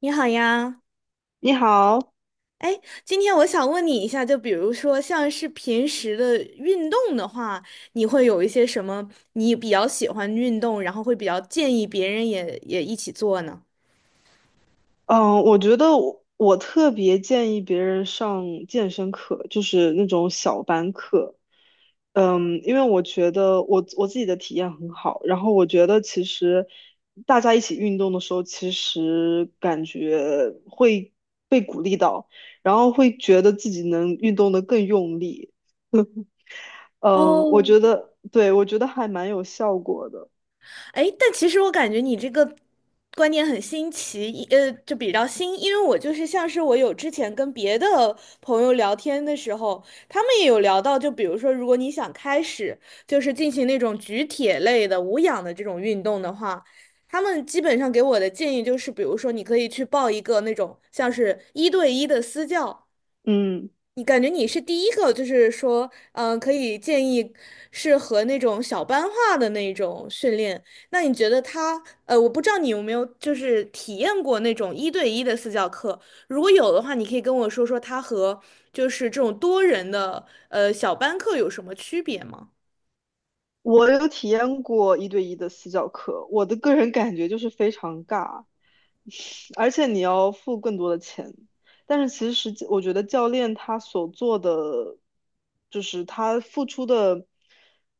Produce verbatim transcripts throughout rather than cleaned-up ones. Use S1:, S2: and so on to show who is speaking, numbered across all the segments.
S1: 你好呀，
S2: 你好。
S1: 哎，今天我想问你一下，就比如说像是平时的运动的话，你会有一些什么你比较喜欢运动，然后会比较建议别人也也一起做呢？
S2: 嗯，我觉得我，我特别建议别人上健身课，就是那种小班课。嗯，因为我觉得我我自己的体验很好，然后我觉得其实大家一起运动的时候，其实感觉会被鼓励到，然后会觉得自己能运动的更用力。嗯，我
S1: 哦，
S2: 觉得，对，我觉得还蛮有效果的。
S1: 哎，但其实我感觉你这个观念很新奇，一呃，就比较新，因为我就是像是我有之前跟别的朋友聊天的时候，他们也有聊到，就比如说，如果你想开始就是进行那种举铁类的无氧的这种运动的话，他们基本上给我的建议就是，比如说你可以去报一个那种像是一对一的私教。
S2: 嗯。
S1: 你感觉你是第一个，就是说，嗯、可以建议适合那种小班化的那种训练。那你觉得他，呃，我不知道你有没有就是体验过那种一对一的私教课，如果有的话，你可以跟我说说他和就是这种多人的呃小班课有什么区别吗？
S2: 我有体验过一对一的私教课，我的个人感觉就是非常尬，而且你要付更多的钱。但是其实我觉得教练他所做的，就是他付出的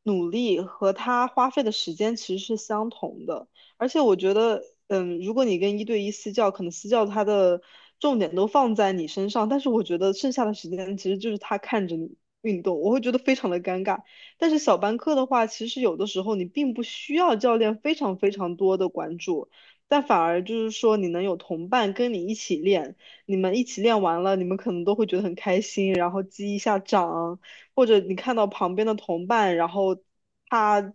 S2: 努力和他花费的时间其实是相同的。而且我觉得，嗯，如果你跟一对一私教，可能私教他的重点都放在你身上，但是我觉得剩下的时间其实就是他看着你运动，我会觉得非常的尴尬。但是小班课的话，其实有的时候你并不需要教练非常非常多的关注。但反而就是说你能有同伴跟你一起练，你们一起练完了，你们可能都会觉得很开心，然后击一下掌，或者你看到旁边的同伴，然后他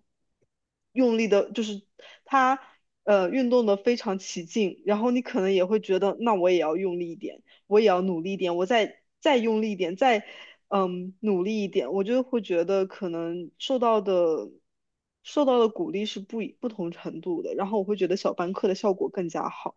S2: 用力的，就是他呃运动的非常起劲，然后你可能也会觉得那我也要用力一点。我也要努力一点，我再再用力一点，再嗯努力一点，我就会觉得可能受到的受到的鼓励是不一不同程度的，然后我会觉得小班课的效果更加好。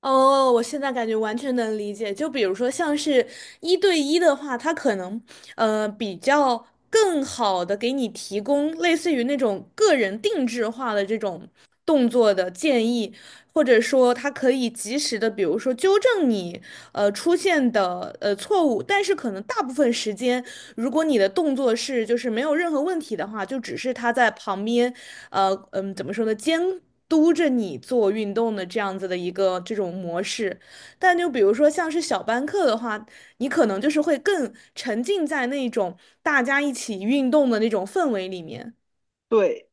S1: 哦，我现在感觉完全能理解。就比如说，像是一对一的话，它可能呃比较更好的给你提供类似于那种个人定制化的这种动作的建议，或者说他可以及时的，比如说纠正你呃出现的呃错误，但是可能大部分时间，如果你的动作是就是没有任何问题的话，就只是他在旁边，呃嗯，怎么说呢，监督着你做运动的这样子的一个这种模式。但就比如说像是小班课的话，你可能就是会更沉浸在那种大家一起运动的那种氛围里面。
S2: 对。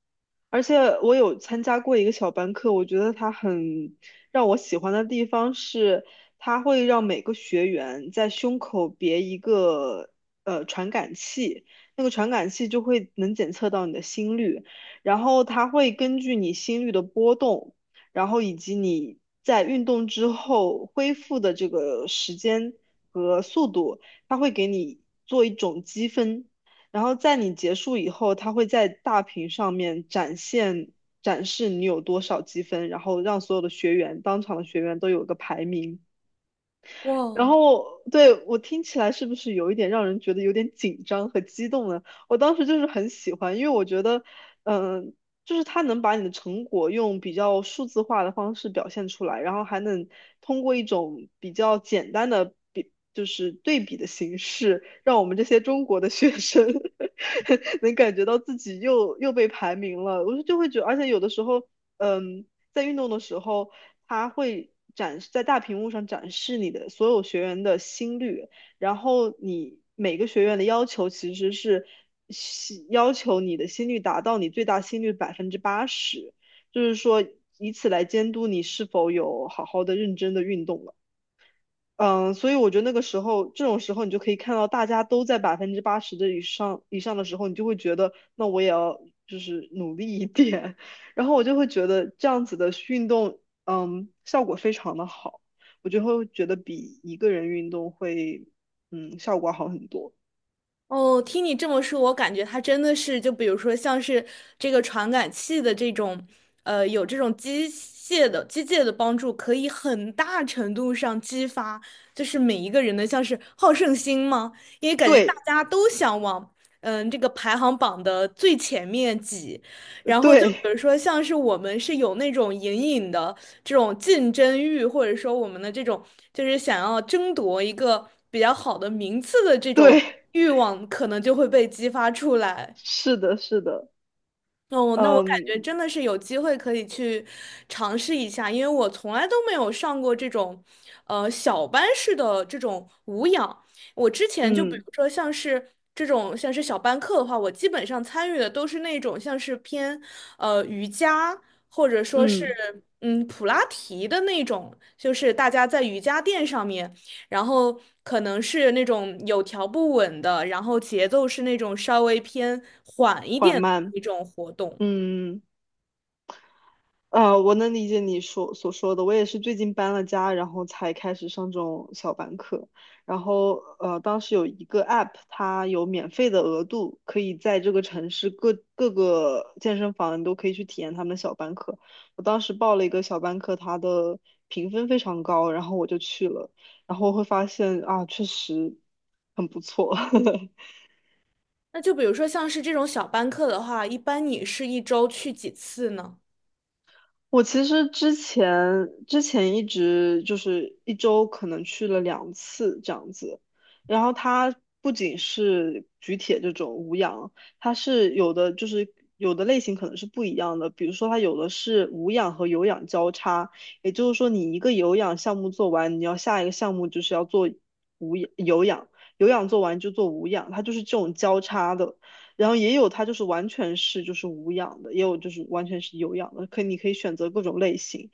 S2: 而且我有参加过一个小班课，我觉得它很让我喜欢的地方是，它会让每个学员在胸口别一个呃传感器，那个传感器就会能检测到你的心率，然后它会根据你心率的波动，然后以及你在运动之后恢复的这个时间和速度，它会给你做一种积分。然后在你结束以后，他会在大屏上面展现展示你有多少积分，然后让所有的学员，当场的学员都有个排名。然
S1: 哇，
S2: 后对我听起来是不是有一点让人觉得有点紧张和激动呢？我当时就是很喜欢，因为我觉得，嗯、就是他能把你的成果用比较数字化的方式表现出来，然后还能通过一种比较简单的比，就是对比的形式，让我们这些中国的学生 能感觉到自己又又被排名了。我就就会觉得，而且有的时候，嗯。在运动的时候，它会展示在大屏幕上展示你的所有学员的心率，然后你每个学员的要求其实是希要求你的心率达到你最大心率百分之八十，就是说以此来监督你是否有好好的认真的运动了。嗯，所以我觉得那个时候，这种时候你就可以看到大家都在百分之八十的以上以上的时候，你就会觉得，那我也要就是努力一点。然后我就会觉得这样子的运动，嗯，效果非常的好，我就会觉得比一个人运动会，嗯，效果好很多。
S1: 哦，听你这么说，我感觉它真的是，就比如说像是这个传感器的这种，呃，有这种机械的机械的帮助，可以很大程度上激发，就是每一个人的像是好胜心吗？因为感觉大
S2: 对
S1: 家都想往，嗯、这个排行榜的最前面挤，然后就比如
S2: 对
S1: 说，像是我们是有那种隐隐的这种竞争欲，或者说我们的这种就是想要争夺一个比较好的名次的这种
S2: 对，
S1: 欲望，可能就会被激发出来。
S2: 是的，是的，
S1: 哦，那我感觉
S2: 嗯
S1: 真的是有机会可以去尝试一下，因为我从来都没有上过这种，呃，小班式的这种无氧。我之前就比
S2: 嗯
S1: 如说像是这种像是小班课的话，我基本上参与的都是那种像是偏呃瑜伽或者说是
S2: 嗯，
S1: 嗯普拉提的那种，就是大家在瑜伽垫上面。然后可能是那种有条不紊的，然后节奏是那种稍微偏缓一
S2: 缓
S1: 点的
S2: 慢，
S1: 一种活动。
S2: 嗯。呃，我能理解你说所说的，我也是最近搬了家，然后才开始上这种小班课。然后呃，当时有一个 app，它有免费的额度，可以在这个城市各各个健身房你都可以去体验他们的小班课。我当时报了一个小班课，它的评分非常高，然后我就去了，然后会发现啊，确实很不错。
S1: 那就比如说像是这种小班课的话，一般你是一周去几次呢？
S2: 我其实之前之前一直就是一周可能去了两次这样子，然后它不仅是举铁这种无氧，它是有的就是有的类型可能是不一样的，比如说它有的是无氧和有氧交叉，也就是说你一个有氧项目做完，你要下一个项目就是要做无氧有氧，有氧做完就做无氧，它就是这种交叉的。然后也有它就是完全是就是无氧的，也有就是完全是有氧的，可以你可以选择各种类型。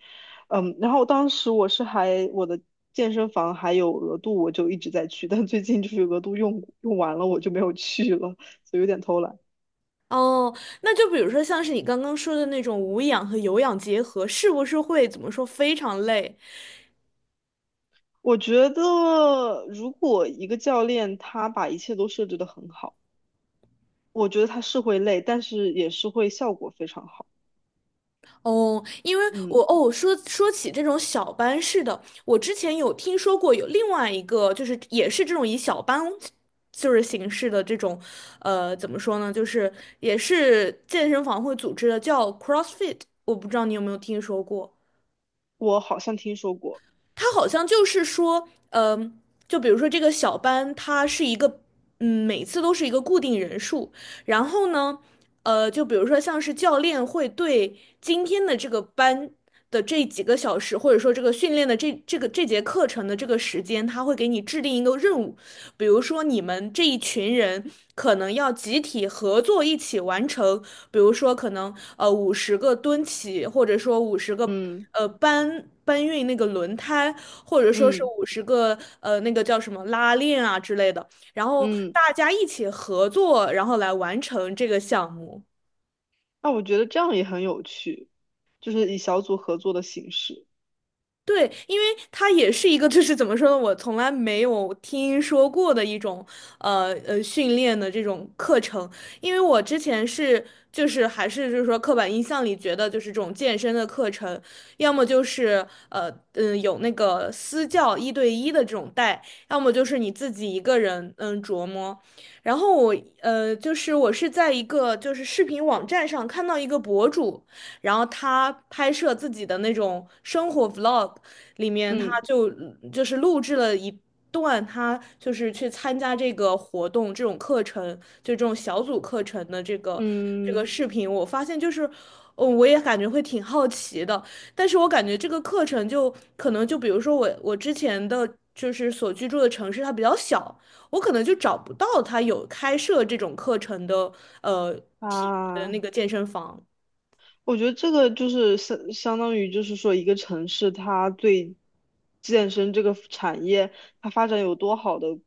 S2: 嗯，然后当时我是还我的健身房还有额度，我就一直在去，但最近就是额度用用完了，我就没有去了，所以有点偷懒。
S1: 哦，那就比如说像是你刚刚说的那种无氧和有氧结合，是不是会怎么说非常累？
S2: 我觉得如果一个教练他把一切都设置得很好，我觉得他是会累，但是也是会效果非常好。
S1: 哦，因为
S2: 嗯，
S1: 我哦，说说起这种小班式的，我之前有听说过有另外一个，就是也是这种以小班就是形式的这种，呃，怎么说呢，就是也是健身房会组织的，叫 CrossFit，我不知道你有没有听说过。
S2: 我好像听说过。
S1: 他好像就是说，嗯、就比如说这个小班，它是一个，嗯，每次都是一个固定人数。然后呢，呃，就比如说像是教练会对今天的这个班的这几个小时，或者说这个训练的这这个这节课程的这个时间，他会给你制定一个任务，比如说你们这一群人可能要集体合作一起完成，比如说可能呃五十个蹲起，或者说五十个
S2: 嗯
S1: 呃搬搬运那个轮胎，或者说是
S2: 嗯
S1: 五十个呃那个叫什么拉链啊之类的，然后
S2: 嗯。
S1: 大家一起合作，然后来完成这个项目。
S2: 那我觉得这样也很有趣，就是以小组合作的形式。
S1: 对，因为它也是一个，就是怎么说呢，我从来没有听说过的一种，呃呃，训练的这种课程。因为我之前是，就是还是就是说刻板印象里觉得就是这种健身的课程，要么就是呃嗯、呃有那个私教一对一的这种带，要么就是你自己一个人嗯琢磨。然后我呃就是我是在一个就是视频网站上看到一个博主。然后他拍摄自己的那种生活 vlog，里面他
S2: 嗯
S1: 就就是录制了一段他就是去参加这个活动这种课程，就这种小组课程的这个这个
S2: 嗯
S1: 视频，我发现就是，嗯，我也感觉会挺好奇的，但是我感觉这个课程就可能就比如说我我之前的就是所居住的城市它比较小，我可能就找不到他有开设这种课程的呃体的
S2: 啊。
S1: 那个健身房。
S2: 我觉得这个就是相相当于就是说一个城市它对健身这个产业它发展有多好的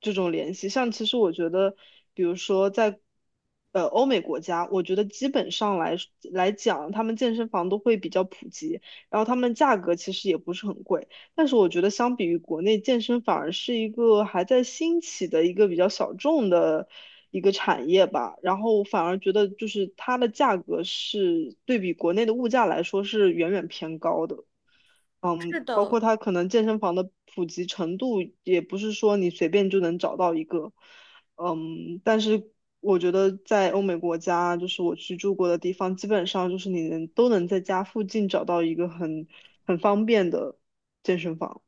S2: 这种联系。像其实我觉得，比如说在呃欧美国家，我觉得基本上来来讲，他们健身房都会比较普及，然后他们价格其实也不是很贵。但是我觉得，相比于国内健身，反而是一个还在兴起的一个比较小众的一个产业吧。然后我反而觉得，就是它的价格是对比国内的物价来说是远远偏高的。嗯，
S1: 是
S2: 包括
S1: 的，
S2: 它可能健身房的普及程度，也不是说你随便就能找到一个。嗯，但是我觉得在欧美国家，就是我去住过的地方，基本上就是你能都能在家附近找到一个很很方便的健身房。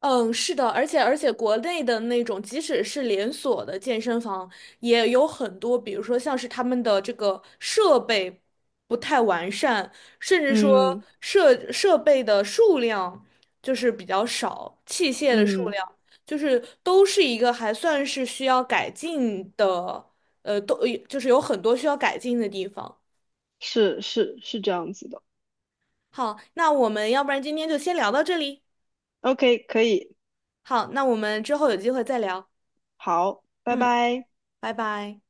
S1: 嗯，是的，而且而且国内的那种，即使是连锁的健身房，也有很多，比如说像是他们的这个设备不太完善，甚至说
S2: 嗯
S1: 设设备的数量就是比较少，器械的数
S2: 嗯。
S1: 量就是都是一个还算是需要改进的，呃，都就是有很多需要改进的地方。
S2: 是是是这样子的。
S1: 好，那我们要不然今天就先聊到这里。
S2: OK，可以，
S1: 好，那我们之后有机会再聊。
S2: 好，拜
S1: 嗯，
S2: 拜。
S1: 拜拜。